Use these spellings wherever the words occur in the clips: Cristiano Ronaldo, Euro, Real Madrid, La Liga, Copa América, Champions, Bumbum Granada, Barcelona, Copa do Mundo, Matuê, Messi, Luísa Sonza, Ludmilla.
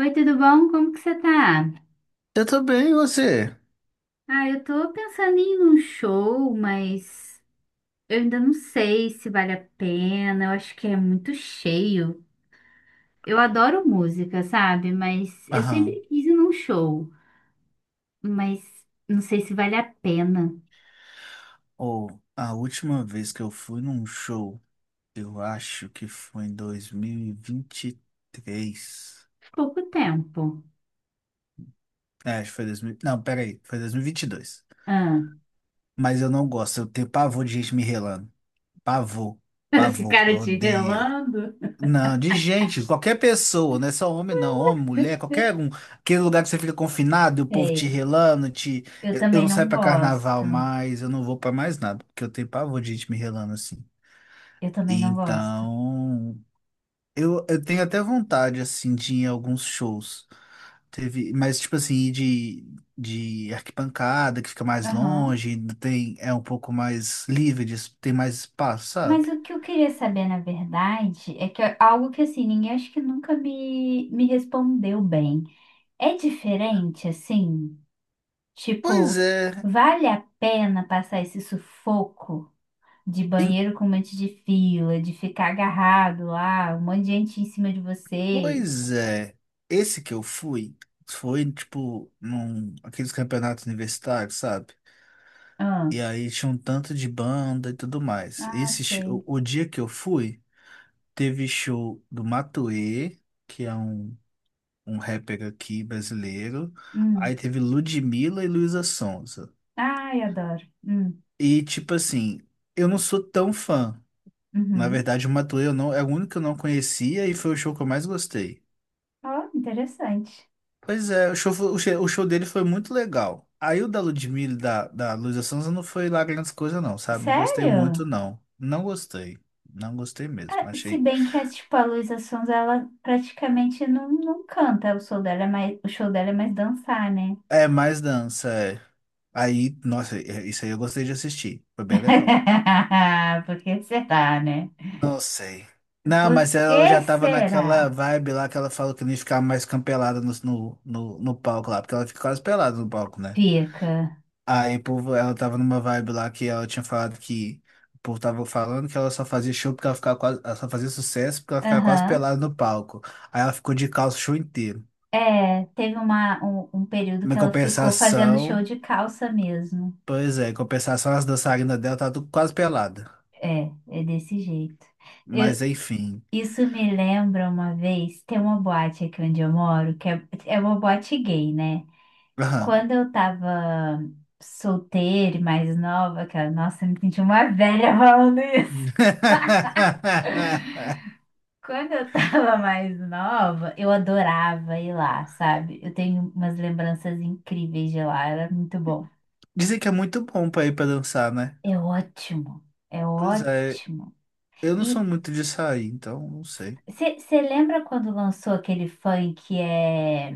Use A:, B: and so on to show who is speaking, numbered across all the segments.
A: Oi, tudo bom? Como que você tá?
B: Eu tô bem, e você?
A: Ah, eu tô pensando em ir num show, mas eu ainda não sei se vale a pena. Eu acho que é muito cheio. Eu adoro música, sabe? Mas eu sempre
B: Aham.
A: quis ir num show, mas não sei se vale a pena.
B: Ou a última vez que eu fui num show, eu acho que foi em 2023.
A: Pouco tempo.
B: É, acho que foi 2000. Não, peraí, foi 2022.
A: Ah,
B: Mas eu não gosto, eu tenho pavor de gente me relando. Pavor, pavor,
A: ficaram
B: eu
A: te
B: odeio.
A: relando?
B: Não, de gente, qualquer pessoa, não é só homem, não, homem, mulher, qualquer um. Aquele lugar que você fica confinado e o povo te
A: Sei.
B: relando, te.
A: Eu
B: Eu
A: também
B: não saio
A: não
B: pra
A: gosto.
B: carnaval mais, eu não vou pra mais nada, porque eu tenho pavor de gente me relando assim.
A: Eu também não gosto.
B: Então, eu tenho até vontade, assim, de ir em alguns shows. Teve, mas, tipo assim, ir de arquibancada, que fica mais
A: Aham.
B: longe, ainda tem, é um pouco mais livre, tem mais espaço,
A: Mas
B: sabe?
A: o que eu queria saber, na verdade, é que é algo que assim, ninguém acho que nunca me respondeu bem. É diferente, assim?
B: Pois
A: Tipo,
B: é,
A: vale a pena passar esse sufoco de
B: em-
A: banheiro com um monte de fila, de ficar agarrado lá, um monte de gente em cima de você?
B: Pois é. Esse que eu fui, foi, tipo, aqueles campeonatos universitários, sabe?
A: Ah,
B: E aí tinha um tanto de banda e tudo mais.
A: ah,
B: Esse, sh-
A: sei.
B: o, o dia que eu fui, teve show do Matuê, que é um rapper aqui brasileiro. Aí
A: Hum.
B: teve Ludmilla e Luísa Sonza.
A: Ai, adoro. Hum.
B: E tipo assim, eu não sou tão fã. Na
A: Uhum.
B: verdade, o Matuê eu não, é o único que eu não conhecia e foi o show que eu mais gostei.
A: Oh, interessante.
B: Pois é, o show, foi- o show dele foi muito legal. Aí o da Ludmilla e da Luísa Sonza não foi lá grandes coisas não, sabe? Não gostei
A: Sério?
B: muito não. Não gostei. Não gostei
A: Ah,
B: mesmo.
A: se
B: Achei.
A: bem que, é, tipo, a Luísa Sonza, ela praticamente não, não canta. O show dela é mais, o show dela é mais dançar, né?
B: É mais dança, é. Aí, nossa, isso aí eu gostei de assistir. Foi bem legal.
A: Por que será, né?
B: Não sei. Não,
A: Por
B: mas ela
A: que
B: já tava
A: será?
B: naquela vibe lá que ela falou que não ia ficar mais campelada no palco lá, porque ela fica quase pelada no palco, né?
A: Fica.
B: Aí o povo, ela tava numa vibe lá que ela tinha falado que o povo tava falando que ela só fazia show porque ela ficava quase, ela só fazia sucesso porque ela ficava quase
A: Aham.
B: pelada no palco. Aí ela ficou de calça o show inteiro.
A: É, teve um período
B: Em
A: que ela ficou fazendo show
B: compensação,
A: de calça mesmo.
B: pois é, em compensação as dançarinas dela tá tudo quase pelada.
A: É, é desse jeito. Eu,
B: Mas enfim.
A: isso me lembra uma vez, tem uma boate aqui onde eu moro, que é, é uma boate gay, né?
B: Aham.
A: Quando eu tava solteira e mais nova, cara, nossa, eu me senti uma velha falando isso. Quando eu tava mais nova, eu adorava ir lá, sabe? Eu tenho umas lembranças incríveis de lá, era muito bom.
B: Dizem que é muito bom pra ir pra dançar, né?
A: É ótimo, é
B: Pois é,
A: ótimo.
B: eu não
A: E
B: sou muito de sair, então não sei.
A: você lembra quando lançou aquele funk que é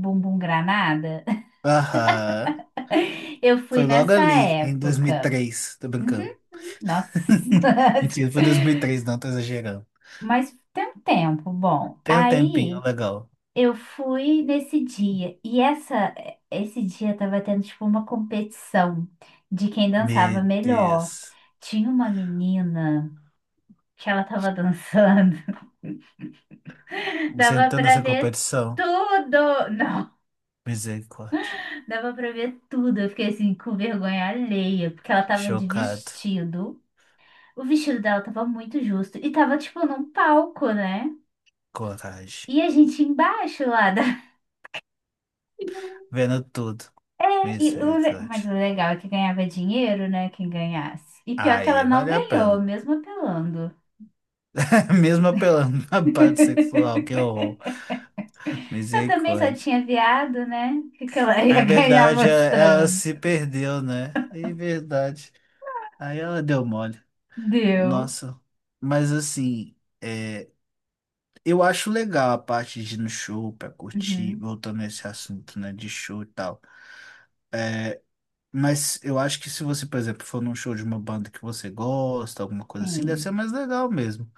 A: Bumbum Granada?
B: Aham.
A: Eu fui
B: Foi logo
A: nessa
B: ali, em dois mil e
A: época.
B: três, Tô brincando.
A: Uhum, nossa.
B: Mentira, foi dois mil e três, não, tô exagerando.
A: Mas tem um tempo, bom.
B: Tem um tempinho
A: Aí
B: legal.
A: eu fui nesse dia e essa esse dia tava tendo tipo uma competição de quem dançava
B: Meu
A: melhor.
B: Deus.
A: Tinha uma menina que ela tava dançando,
B: Você
A: dava
B: entrou
A: pra
B: nessa
A: ver
B: competição?
A: tudo. Não,
B: Misericórdia.
A: dava pra ver tudo. Eu fiquei assim com vergonha alheia, porque ela tava de
B: Chocado.
A: vestido. O vestido dela tava muito justo e tava tipo num palco, né?
B: Coragem.
A: E a gente embaixo lá.
B: Vendo tudo.
A: E o mas
B: Misericórdia.
A: o legal é que ganhava dinheiro, né? Quem ganhasse. E pior que ela
B: Aí,
A: não
B: vale a
A: ganhou,
B: pena.
A: mesmo apelando.
B: Mesmo apelando na parte sexual, que horror.
A: Eu também só
B: Misericórdia.
A: tinha viado, né? O que que ela
B: É
A: ia ganhar
B: verdade, ela
A: mostrando?
B: se perdeu, né? É verdade. Aí ela deu mole.
A: Deu.
B: Nossa. Mas assim, é, eu acho legal a parte de ir no show pra curtir,
A: Uhum.
B: voltando nesse assunto, né? De show e tal. Mas eu acho que se você, por exemplo, for num show de uma banda que você gosta, alguma coisa assim, deve ser
A: Sim.
B: mais legal mesmo.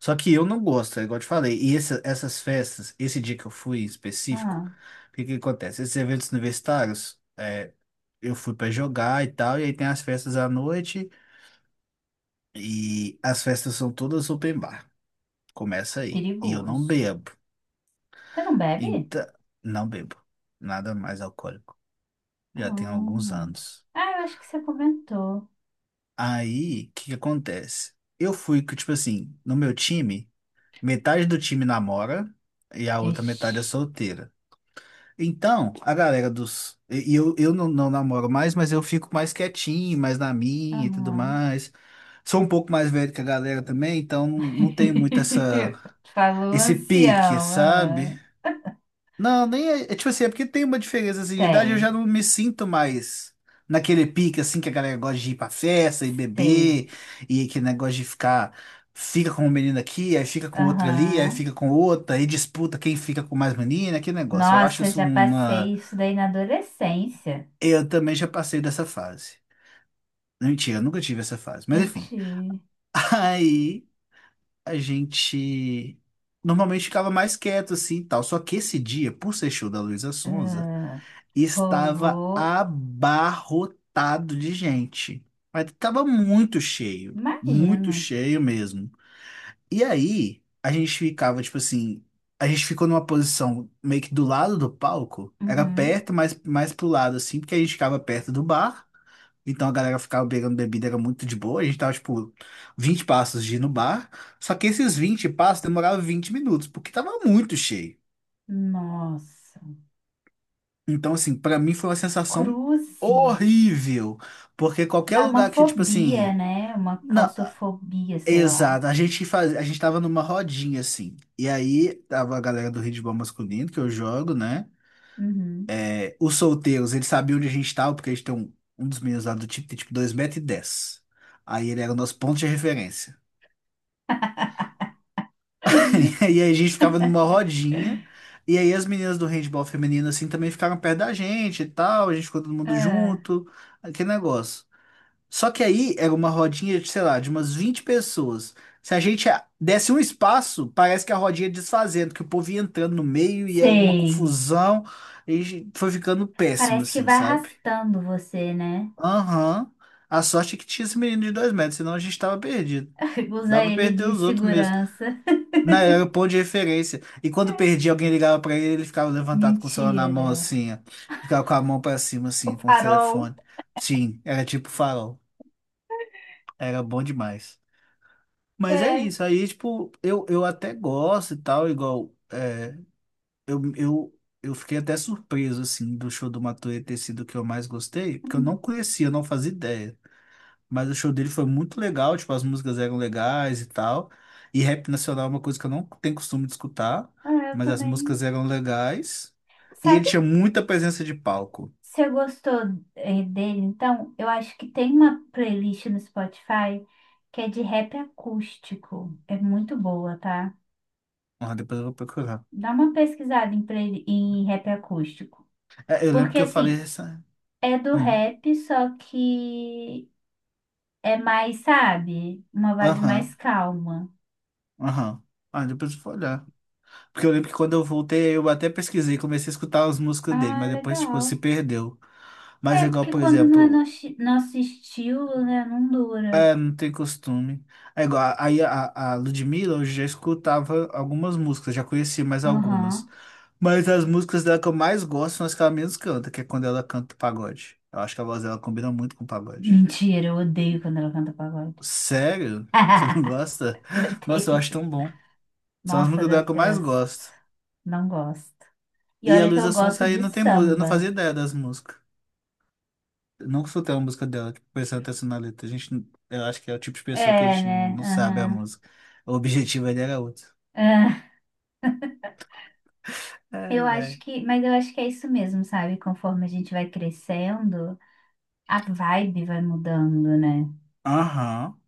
B: Só que eu não gosto, é igual eu te falei. E essas festas, esse dia que eu fui em específico,
A: Ah,
B: o que que acontece? Esses eventos universitários. Eu fui pra jogar e tal, e aí tem as festas à noite, e as festas são todas open bar. Começa aí. E eu não
A: perigoso.
B: bebo.
A: Você não bebe?
B: Então, não bebo. Nada mais alcoólico. Já tem alguns
A: Hum.
B: anos.
A: Ah, eu acho que você comentou.
B: Aí, o que que acontece? Eu fui, que, tipo assim, no meu time, metade do time namora e a outra
A: Ixi.
B: metade é solteira. Então, a galera dos. E eu não, não namoro mais, mas eu fico mais quietinho, mais na minha e tudo
A: Aham.
B: mais. Sou um pouco mais velho que a galera também, então não tenho muito essa,
A: Falou
B: esse pique,
A: ancião.
B: sabe?
A: Ah,
B: Não, nem é tipo assim, é porque tem uma diferença assim, de idade, eu
A: tem.
B: já não me sinto mais naquele pique assim que a galera gosta de ir pra festa e
A: Sei.
B: beber, e aquele negócio de ficar, fica com um menino aqui, aí fica com outro ali, aí
A: Aham.
B: fica com outra, e disputa quem fica com mais menina, aquele negócio. Eu acho
A: Nossa,
B: isso
A: já
B: uma.
A: passei isso daí na adolescência.
B: Eu também já passei dessa fase. Mentira, eu nunca tive essa fase, mas
A: Eu
B: enfim.
A: te.
B: Aí, a gente normalmente ficava mais quieto assim e tal. Só que esse dia, por ser show da Luísa Sonza,
A: Ah,
B: estava
A: rolou.
B: abarrotado de gente. Mas estava muito
A: Imagino.
B: cheio mesmo. E aí, a gente ficava tipo assim, a gente ficou numa posição meio que do lado do palco, era
A: Uhum.
B: perto, mas mais pro lado assim, porque a gente ficava perto do bar. Então a galera ficava beirando bebida, era muito de boa. A gente tava, tipo, 20 passos de ir no bar. Só que esses 20 passos demoravam 20 minutos, porque tava muito cheio.
A: Nossa.
B: Então, assim, pra mim foi uma sensação
A: Cruzes.
B: horrível. Porque qualquer
A: Dá uma
B: lugar que, tipo
A: fobia,
B: assim.
A: né? Uma
B: Não,
A: claustrofobia, sei lá.
B: exato. A gente faz, a gente tava numa rodinha, assim. E aí tava a galera do handebol masculino, que eu jogo, né?
A: Uhum.
B: É, os solteiros, eles sabiam onde a gente tava, porque a gente tem um dos meninos lá do time, tem tipo dois metros e dez. Aí ele era o nosso ponto de referência. E aí a gente ficava numa rodinha. E aí as meninas do handball feminino, assim, também ficaram perto da gente e tal. A gente ficou todo mundo
A: Ah,
B: junto. Aquele negócio. Só que aí era uma rodinha, de, sei lá, de umas 20 pessoas. Se a gente desse um espaço, parece que a rodinha ia desfazendo, que o povo ia entrando no meio e era uma
A: sei.
B: confusão. E a gente foi ficando péssimo,
A: Parece que
B: assim,
A: vai
B: sabe?
A: arrastando você, né?
B: Aham. A sorte é que tinha esse menino de 2 metros, senão a gente tava perdido. Dá
A: Usa
B: pra
A: ele
B: perder
A: de
B: os outros mesmo.
A: segurança.
B: Não, era o ponto de referência. E quando
A: É.
B: perdia, alguém ligava pra ele, ele ficava levantado com o celular na mão,
A: Mentira.
B: assim, ó. Ficava com a mão pra cima,
A: O
B: assim, com o
A: farol.
B: telefone. Sim, era tipo farol. Era bom demais. Mas é
A: É.
B: isso. Aí, tipo, eu até gosto e tal, igual. Eu fiquei até surpreso, assim, do show do Matuê ter sido o que eu mais gostei, porque eu não
A: Hum.
B: conhecia, eu não fazia ideia. Mas o show dele foi muito legal, tipo, as músicas eram legais e tal. E rap nacional é uma coisa que eu não tenho costume de escutar,
A: Ah, eu
B: mas as
A: também.
B: músicas eram legais. E ele
A: Sabe,
B: tinha muita presença de palco.
A: você gostou, dele? Então, eu acho que tem uma playlist no Spotify que é de rap acústico. É muito boa, tá?
B: Ah, depois eu vou procurar.
A: Dá uma pesquisada em, em rap acústico.
B: É, eu lembro
A: Porque,
B: que eu falei
A: assim,
B: essa.
A: é do
B: Hum.
A: rap, só que é mais, sabe? Uma vibe mais
B: Aham,
A: calma.
B: aham. Ah, depois eu vou olhar. Porque eu lembro que quando eu voltei, eu até pesquisei, comecei a escutar as músicas dele,
A: Ah,
B: mas depois, tipo, se
A: legal.
B: perdeu. Mas
A: É,
B: igual,
A: porque
B: por
A: quando não é
B: exemplo.
A: nosso estilo, né? Não dura.
B: Eu não tenho costume. É igual, aí a Ludmilla, eu já escutava algumas músicas, já conhecia mais algumas.
A: Aham.
B: Mas as músicas dela que eu mais gosto são as que ela menos canta, que é quando ela canta pagode. Eu acho que a voz dela combina muito com pagode.
A: Mentira, eu odeio quando ela canta pagode.
B: Sério? Você não gosta? Nossa, eu
A: Odeio.
B: acho tão bom. São as
A: Nossa,
B: músicas dela que eu mais
A: detesto.
B: gosto.
A: Não gosto. E
B: E a
A: olha que eu
B: Luísa
A: gosto
B: Sonza aí
A: de
B: não tem música, eu não
A: samba.
B: fazia ideia das músicas. Eu nunca escutei uma música dela, tipo, prestando atenção na letra. A gente, eu acho que é o tipo de pessoa que a
A: É,
B: gente
A: né?
B: não sabe a
A: Aham.
B: música. O objetivo ali era outro.
A: Ah, eu
B: Ai,
A: acho
B: ai.
A: que, mas eu acho que é isso mesmo, sabe? Conforme a gente vai crescendo, a vibe vai mudando, né?
B: Aham.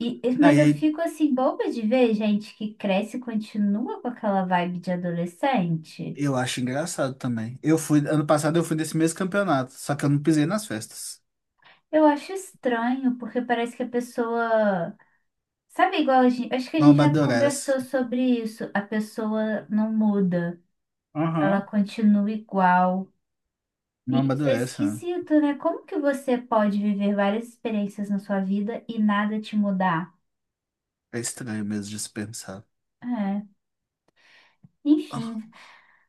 A: Mas
B: Aí
A: eu
B: aí
A: fico assim, boba de ver gente que cresce e continua com aquela vibe de adolescente.
B: eu acho engraçado também. Eu fui, ano passado eu fui nesse mesmo campeonato, só que eu não pisei nas festas.
A: Eu acho estranho, porque parece que a pessoa. Sabe, igual a gente. Acho que a
B: Não
A: gente já
B: amadurece.
A: conversou sobre isso. A pessoa não muda. Ela
B: Aham.
A: continua igual. E
B: Não
A: isso é
B: amadurece, né?
A: esquisito, né? Como que você pode viver várias experiências na sua vida e nada te mudar?
B: É estranho mesmo de se pensar.
A: É,
B: Ah,
A: enfim,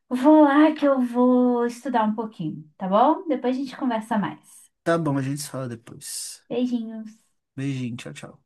A: vou lá que eu vou estudar um pouquinho, tá bom? Depois a gente conversa mais.
B: tá bom, a gente se fala depois.
A: Beijinhos.
B: Beijinho, tchau, tchau.